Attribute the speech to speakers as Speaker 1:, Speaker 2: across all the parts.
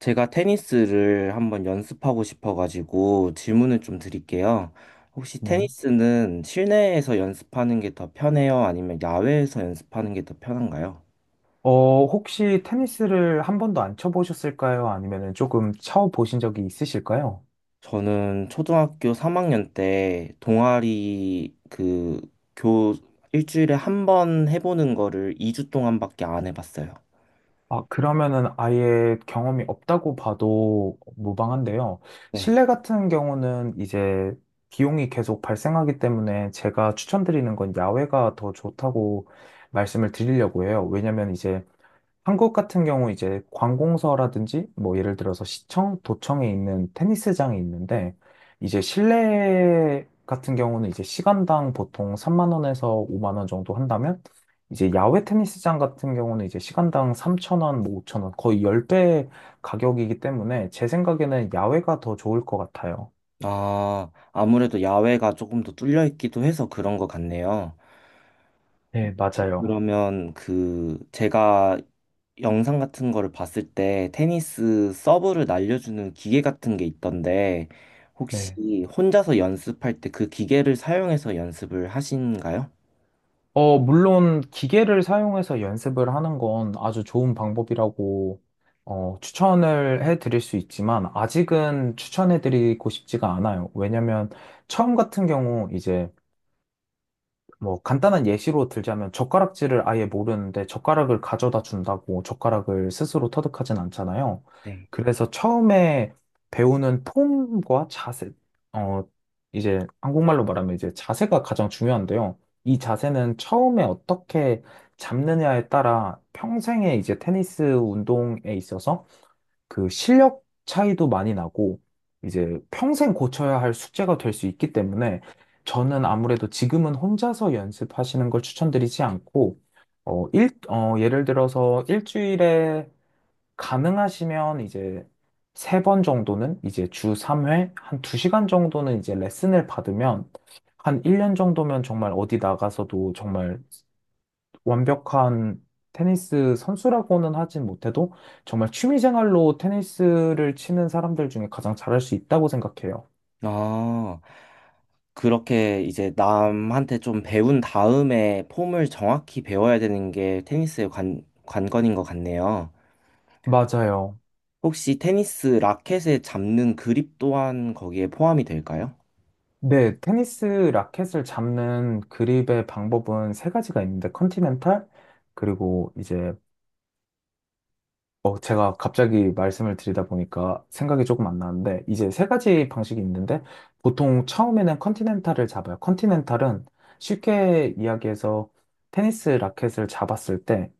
Speaker 1: 제가 테니스를 한번 연습하고 싶어가지고 질문을 좀 드릴게요. 혹시
Speaker 2: 네.
Speaker 1: 테니스는 실내에서 연습하는 게 더 편해요? 아니면 야외에서 연습하는 게 더 편한가요?
Speaker 2: 혹시 테니스를 한 번도 안 쳐보셨을까요? 아니면은 조금 쳐보신 적이 있으실까요?
Speaker 1: 저는 초등학교 3학년 때 동아리 그 교 일주일에 한 번 해보는 거를 2주 동안밖에 안 해봤어요.
Speaker 2: 아, 그러면은 아예 경험이 없다고 봐도 무방한데요.
Speaker 1: 네.
Speaker 2: 실내 같은 경우는 이제 비용이 계속 발생하기 때문에 제가 추천드리는 건 야외가 더 좋다고 말씀을 드리려고 해요. 왜냐면 이제 한국 같은 경우 이제 관공서라든지 뭐 예를 들어서 시청, 도청에 있는 테니스장이 있는데 이제 실내 같은 경우는 이제 시간당 보통 3만 원에서 5만 원 정도 한다면 이제 야외 테니스장 같은 경우는 이제 시간당 3천 원, 뭐 5천 원 거의 10배 가격이기 때문에 제 생각에는 야외가 더 좋을 것 같아요.
Speaker 1: 아, 아무래도 야외가 조금 더 뚫려 있기도 해서 그런 것 같네요.
Speaker 2: 네, 맞아요.
Speaker 1: 그러면 그 제가 영상 같은 거를 봤을 때 테니스 서브를 날려주는 기계 같은 게 있던데 혹시 혼자서 연습할 때 그 기계를 사용해서 연습을 하신가요?
Speaker 2: 물론 기계를 사용해서 연습을 하는 건 아주 좋은 방법이라고 추천을 해드릴 수 있지만 아직은 추천해드리고 싶지가 않아요. 왜냐면 처음 같은 경우 이제 뭐 간단한 예시로 들자면 젓가락질을 아예 모르는데 젓가락을 가져다 준다고 젓가락을 스스로 터득하진 않잖아요.
Speaker 1: 네.
Speaker 2: 그래서 처음에 배우는 폼과 자세, 어, 이제 한국말로 말하면 이제 자세가 가장 중요한데요. 이 자세는 처음에 어떻게 잡느냐에 따라 평생의 이제 테니스 운동에 있어서 그 실력 차이도 많이 나고 이제 평생 고쳐야 할 숙제가 될 수 있기 때문에 저는 아무래도 지금은 혼자서 연습하시는 걸 추천드리지 않고 예를 들어서 일주일에 가능하시면 이제 3번 정도는 이제 주 3회 한 2시간 정도는 이제 레슨을 받으면 한 1년 정도면 정말 어디 나가서도 정말 완벽한 테니스 선수라고는 하진 못해도 정말 취미생활로 테니스를 치는 사람들 중에 가장 잘할 수 있다고 생각해요.
Speaker 1: 아, 그렇게 이제 남한테 좀 배운 다음에 폼을 정확히 배워야 되는 게 테니스의 관건인 것 같네요.
Speaker 2: 맞아요.
Speaker 1: 혹시 테니스 라켓에 잡는 그립 또한 거기에 포함이 될까요?
Speaker 2: 네, 테니스 라켓을 잡는 그립의 방법은 세 가지가 있는데, 컨티넨탈, 그리고 이제, 제가 갑자기 말씀을 드리다 보니까 생각이 조금 안 나는데, 이제 세 가지 방식이 있는데, 보통 처음에는 컨티넨탈을 잡아요. 컨티넨탈은 쉽게 이야기해서 테니스 라켓을 잡았을 때,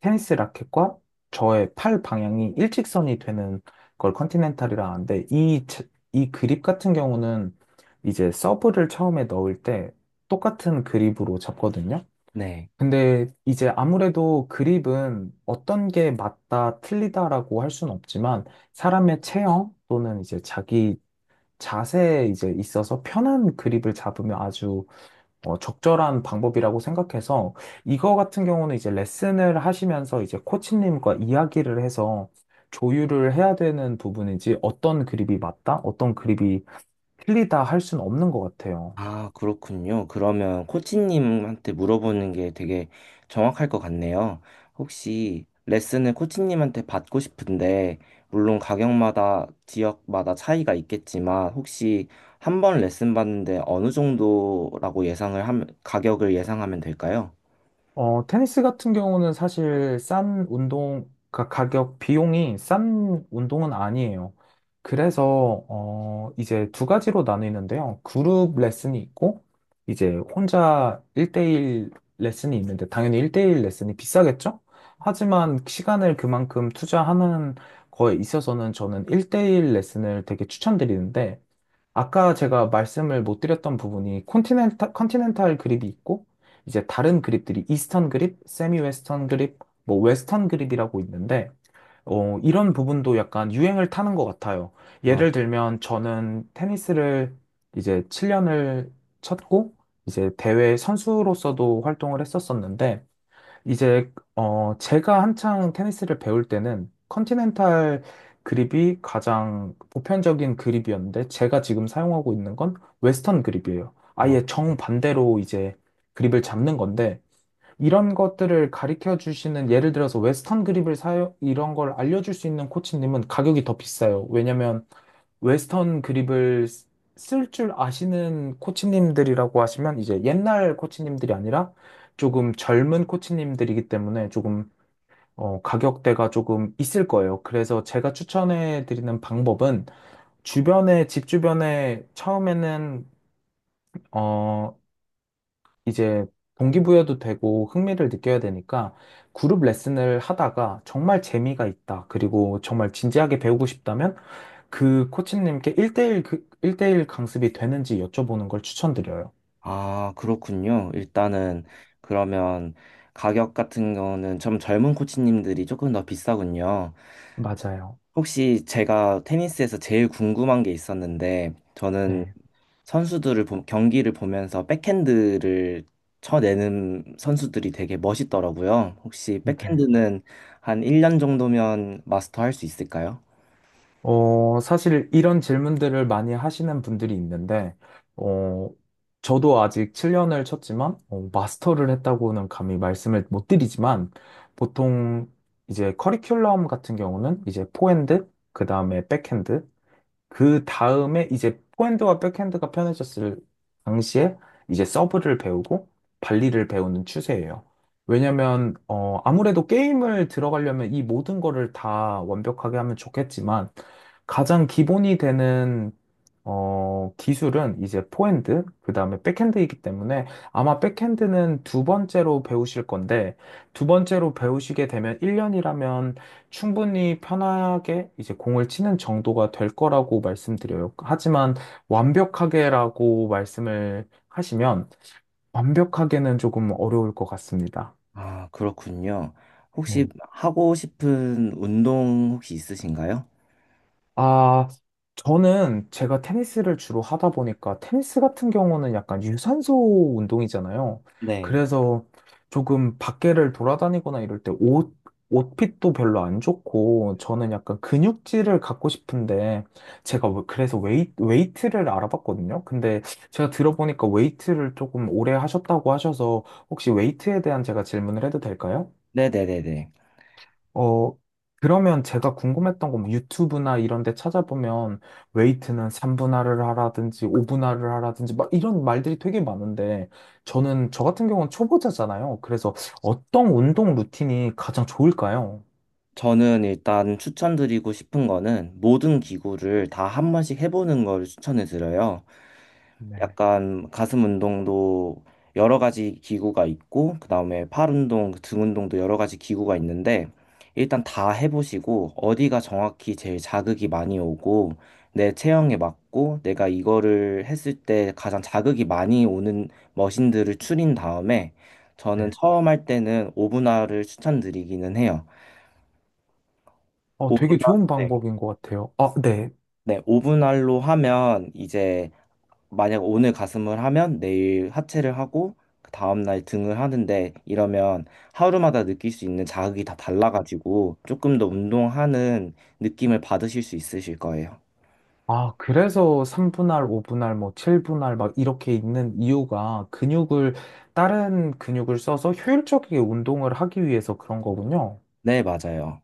Speaker 2: 테니스 라켓과 저의 팔 방향이 일직선이 되는 걸 컨티넨탈이라 하는데 이 그립 같은 경우는 이제 서브를 처음에 넣을 때 똑같은 그립으로 잡거든요.
Speaker 1: 네.
Speaker 2: 근데 이제 아무래도 그립은 어떤 게 맞다, 틀리다라고 할 수는 없지만 사람의 체형 또는 이제 자기 자세에 이제 있어서 편한 그립을 잡으면 아주 적절한 방법이라고 생각해서 이거 같은 경우는 이제 레슨을 하시면서 이제 코치님과 이야기를 해서 조율을 해야 되는 부분이지 어떤 그립이 맞다, 어떤 그립이 틀리다 할 수는 없는 것 같아요.
Speaker 1: 아, 그렇군요. 그러면 코치님한테 물어보는 게 되게 정확할 것 같네요. 혹시 레슨을 코치님한테 받고 싶은데, 물론 가격마다 지역마다 차이가 있겠지만, 혹시 한 번 레슨 받는데 어느 정도라고 예상을 하면, 가격을 예상하면 될까요?
Speaker 2: 테니스 같은 경우는 사실 싼 운동, 가격, 비용이 싼 운동은 아니에요. 그래서, 이제 두 가지로 나뉘는데요. 그룹 레슨이 있고, 이제 혼자 1대1 레슨이 있는데, 당연히 1대1 레슨이 비싸겠죠? 하지만 시간을 그만큼 투자하는 거에 있어서는 저는 1대1 레슨을 되게 추천드리는데, 아까 제가 말씀을 못 드렸던 부분이 컨티넨탈 그립이 있고 이제 다른 그립들이 이스턴 그립, 세미 웨스턴 그립, 뭐 웨스턴 그립이라고 있는데 이런 부분도 약간 유행을 타는 것 같아요.
Speaker 1: 아,
Speaker 2: 예를 들면 저는 테니스를 이제 7년을 쳤고 이제 대회 선수로서도 활동을 했었었는데 이제 제가 한창 테니스를 배울 때는 컨티넨탈 그립이 가장 보편적인 그립이었는데 제가 지금 사용하고 있는 건 웨스턴 그립이에요.
Speaker 1: 아,
Speaker 2: 아예 정반대로 이제 그립을 잡는 건데 이런 것들을 가르쳐 주시는 예를 들어서 웨스턴 그립을 사용 이런 걸 알려줄 수 있는 코치님은 가격이 더 비싸요. 왜냐면 웨스턴 그립을 쓸 줄 아시는 코치님들이라고 하시면 이제 옛날 코치님들이 아니라 조금 젊은 코치님들이기 때문에 조금 가격대가 조금 있을 거예요. 그래서 제가 추천해 드리는 방법은 주변에, 집 주변에 처음에는 어, 이제 동기부여도 되고 흥미를 느껴야 되니까 그룹 레슨을 하다가 정말 재미가 있다. 그리고 정말 진지하게 배우고 싶다면 그 코치님께 1대1, 그, 일대일 강습이 되는지 여쭤보는 걸 추천드려요.
Speaker 1: 아, 그렇군요. 일단은 그러면 가격 같은 거는 좀 젊은 코치님들이 조금 더 비싸군요.
Speaker 2: 맞아요.
Speaker 1: 혹시 제가 테니스에서 제일 궁금한 게 있었는데, 저는
Speaker 2: 네.
Speaker 1: 선수들을, 경기를 보면서 백핸드를 쳐내는 선수들이 되게 멋있더라고요. 혹시
Speaker 2: 네.
Speaker 1: 백핸드는 한 1년 정도면 마스터할 수 있을까요?
Speaker 2: 사실 이런 질문들을 많이 하시는 분들이 있는데, 어, 저도 아직 7년을 쳤지만, 마스터를 했다고는 감히 말씀을 못 드리지만, 보통 이제 커리큘럼 같은 경우는 이제 포핸드, 그 다음에 백핸드, 그 다음에 이제 포핸드와 백핸드가 편해졌을 당시에 이제 서브를 배우고 발리를 배우는 추세예요. 왜냐면 아무래도 게임을 들어가려면 이 모든 거를 다 완벽하게 하면 좋겠지만 가장 기본이 되는 기술은 이제 포핸드, 그다음에 백핸드이기 때문에 아마 백핸드는 두 번째로 배우실 건데 두 번째로 배우시게 되면 1년이라면 충분히 편하게 이제 공을 치는 정도가 될 거라고 말씀드려요. 하지만 완벽하게라고 말씀을 하시면 완벽하게는 조금 어려울 것 같습니다.
Speaker 1: 아, 그렇군요. 혹시 하고 싶은 운동 혹시 있으신가요?
Speaker 2: 아, 저는 제가 테니스를 주로 하다 보니까 테니스 같은 경우는 약간 유산소 운동이잖아요.
Speaker 1: 네.
Speaker 2: 그래서 조금 밖에를 돌아다니거나 이럴 때 옷핏도 별로 안 좋고 저는 약간 근육질을 갖고 싶은데 제가 그래서 웨이트를 알아봤거든요. 근데 제가 들어보니까 웨이트를 조금 오래 하셨다고 하셔서 혹시 웨이트에 대한 제가 질문을 해도 될까요?
Speaker 1: 네네네네.
Speaker 2: 어, 그러면 제가 궁금했던 건뭐 유튜브나 이런 데 찾아보면 웨이트는 3분할을 하라든지 5분할을 하라든지 막 이런 말들이 되게 많은데 저는 저 같은 경우는 초보자잖아요. 그래서 어떤 운동 루틴이 가장 좋을까요?
Speaker 1: 저는 일단 추천드리고 싶은 거는 모든 기구를 다 한 번씩 해보는 걸 추천해 드려요.
Speaker 2: 네,
Speaker 1: 약간 가슴 운동도 여러 가지 기구가 있고, 그 다음에 팔 운동, 그 등 운동도 여러 가지 기구가 있는데, 일단 다 해보시고, 어디가 정확히 제일 자극이 많이 오고, 내 체형에 맞고, 내가 이거를 했을 때 가장 자극이 많이 오는 머신들을 추린 다음에, 저는
Speaker 2: 네.
Speaker 1: 처음 할 때는 오분할을 추천드리기는 해요.
Speaker 2: 되게
Speaker 1: 오분할,
Speaker 2: 좋은
Speaker 1: 네.
Speaker 2: 방법인 것 같아요. 아, 네.
Speaker 1: 네, 오분할로 하면 이제 만약 오늘 가슴을 하면 내일 하체를 하고 그 다음날 등을 하는데 이러면 하루마다 느낄 수 있는 자극이 다 달라가지고 조금 더 운동하는 느낌을 받으실 수 있으실 거예요.
Speaker 2: 아, 그래서 3분할, 5분할, 뭐 7분할 막 이렇게 있는 이유가 다른 근육을 써서 효율적이게 운동을 하기 위해서 그런 거군요.
Speaker 1: 네, 맞아요.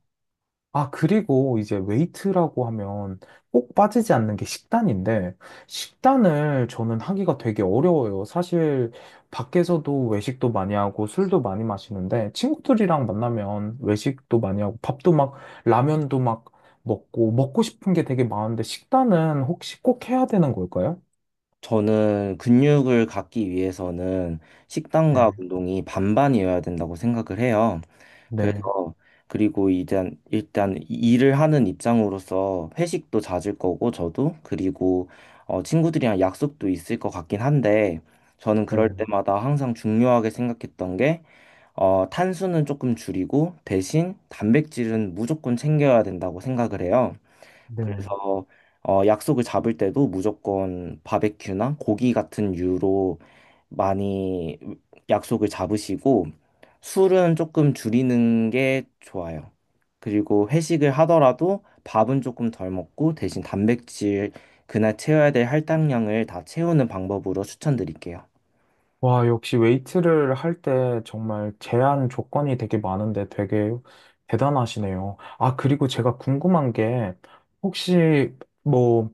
Speaker 2: 아, 그리고 이제 웨이트라고 하면 꼭 빠지지 않는 게 식단인데, 식단을 저는 하기가 되게 어려워요. 사실 밖에서도 외식도 많이 하고 술도 많이 마시는데, 친구들이랑 만나면 외식도 많이 하고 밥도 막 라면도 막 먹고, 먹고 싶은 게 되게 많은데, 식단은 혹시 꼭 해야 되는 걸까요?
Speaker 1: 저는 근육을 갖기 위해서는 식단과
Speaker 2: 네,
Speaker 1: 운동이 반반이어야 된다고 생각을 해요.
Speaker 2: 네,
Speaker 1: 그래서 그리고 이제 일단 일을 하는 입장으로서 회식도 잦을 거고 저도 그리고 친구들이랑 약속도 있을 것 같긴 한데 저는 그럴
Speaker 2: 네,
Speaker 1: 때마다 항상 중요하게 생각했던 게 탄수는 조금 줄이고 대신 단백질은 무조건 챙겨야 된다고 생각을 해요.
Speaker 2: 네.
Speaker 1: 그래서 약속을 잡을 때도 무조건 바베큐나 고기 같은 유로 많이 약속을 잡으시고 술은 조금 줄이는 게 좋아요. 그리고 회식을 하더라도 밥은 조금 덜 먹고 대신 단백질 그날 채워야 될 할당량을 다 채우는 방법으로 추천드릴게요.
Speaker 2: 와, 역시 웨이트를 할 때 정말 제한 조건이 되게 많은데 되게 대단하시네요. 아, 그리고 제가 궁금한 게 혹시 뭐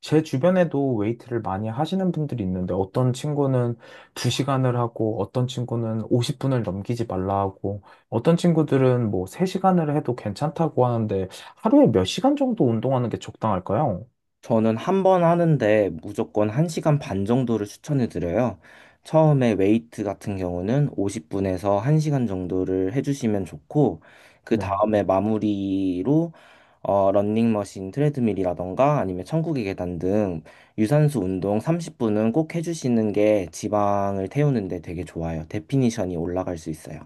Speaker 2: 제 주변에도 웨이트를 많이 하시는 분들이 있는데 어떤 친구는 2시간을 하고 어떤 친구는 50분을 넘기지 말라 하고 어떤 친구들은 뭐 3시간을 해도 괜찮다고 하는데 하루에 몇 시간 정도 운동하는 게 적당할까요?
Speaker 1: 저는 한 번 하는데 무조건 1시간 반 정도를 추천해 드려요. 처음에 웨이트 같은 경우는 50분에서 1시간 정도를 해주시면 좋고, 그
Speaker 2: 네.
Speaker 1: 다음에 마무리로 런닝머신 트레드밀이라던가 아니면 천국의 계단 등 유산소 운동 30분은 꼭 해주시는 게 지방을 태우는데 되게 좋아요. 데피니션이 올라갈 수 있어요.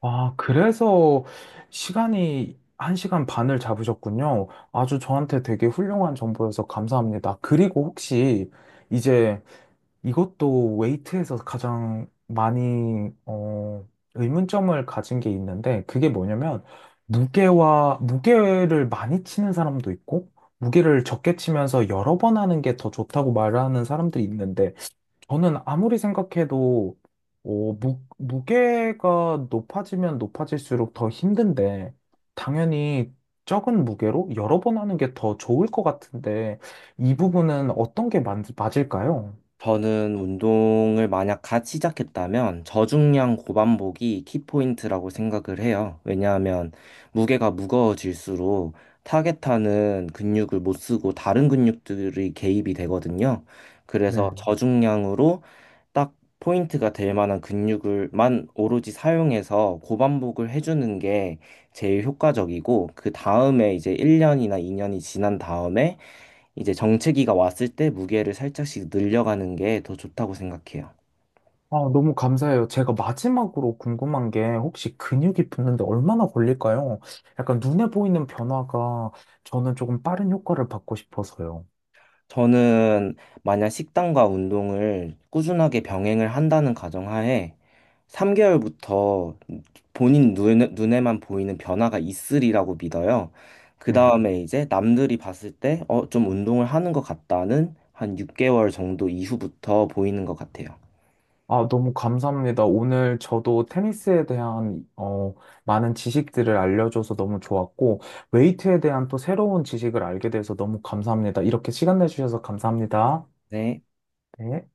Speaker 2: 아, 그래서 시간이 1시간 반을 잡으셨군요. 아주 저한테 되게 훌륭한 정보여서 감사합니다. 그리고 혹시 이제 이것도 웨이트에서 가장 많이, 의문점을 가진 게 있는데 그게 뭐냐면 무게를 많이 치는 사람도 있고 무게를 적게 치면서 여러 번 하는 게 더 좋다고 말하는 사람들이 있는데 저는 아무리 생각해도 무게가 높아지면 높아질수록 더 힘든데, 당연히 적은 무게로 여러 번 하는 게 더 좋을 것 같은데, 이 부분은 어떤 게 맞을까요?
Speaker 1: 저는 운동을 만약 갓 시작했다면 저중량 고반복이 키포인트라고 생각을 해요. 왜냐하면 무게가 무거워질수록 타겟하는 근육을 못 쓰고 다른 근육들이 개입이 되거든요. 그래서
Speaker 2: 네.
Speaker 1: 저중량으로 딱 포인트가 될 만한 근육을만 오로지 사용해서 고반복을 해주는 게 제일 효과적이고, 그 다음에 이제 1년이나 2년이 지난 다음에 이제 정체기가 왔을 때 무게를 살짝씩 늘려가는 게 더 좋다고 생각해요.
Speaker 2: 아, 너무 감사해요. 제가 마지막으로 궁금한 게 혹시 근육이 붙는데 얼마나 걸릴까요? 약간 눈에 보이는 변화가 저는 조금 빠른 효과를 받고 싶어서요.
Speaker 1: 저는 만약 식단과 운동을 꾸준하게 병행을 한다는 가정하에 3개월부터 본인 눈에만 보이는 변화가 있으리라고 믿어요. 그
Speaker 2: 네.
Speaker 1: 다음에 이제 남들이 봤을 때, 좀 운동을 하는 것 같다는 한 6개월 정도 이후부터 보이는 것 같아요.
Speaker 2: 아, 너무 감사합니다. 오늘 저도 테니스에 대한 많은 지식들을 알려줘서 너무 좋았고, 웨이트에 대한 또 새로운 지식을 알게 돼서 너무 감사합니다. 이렇게 시간 내주셔서 감사합니다.
Speaker 1: 네.
Speaker 2: 네.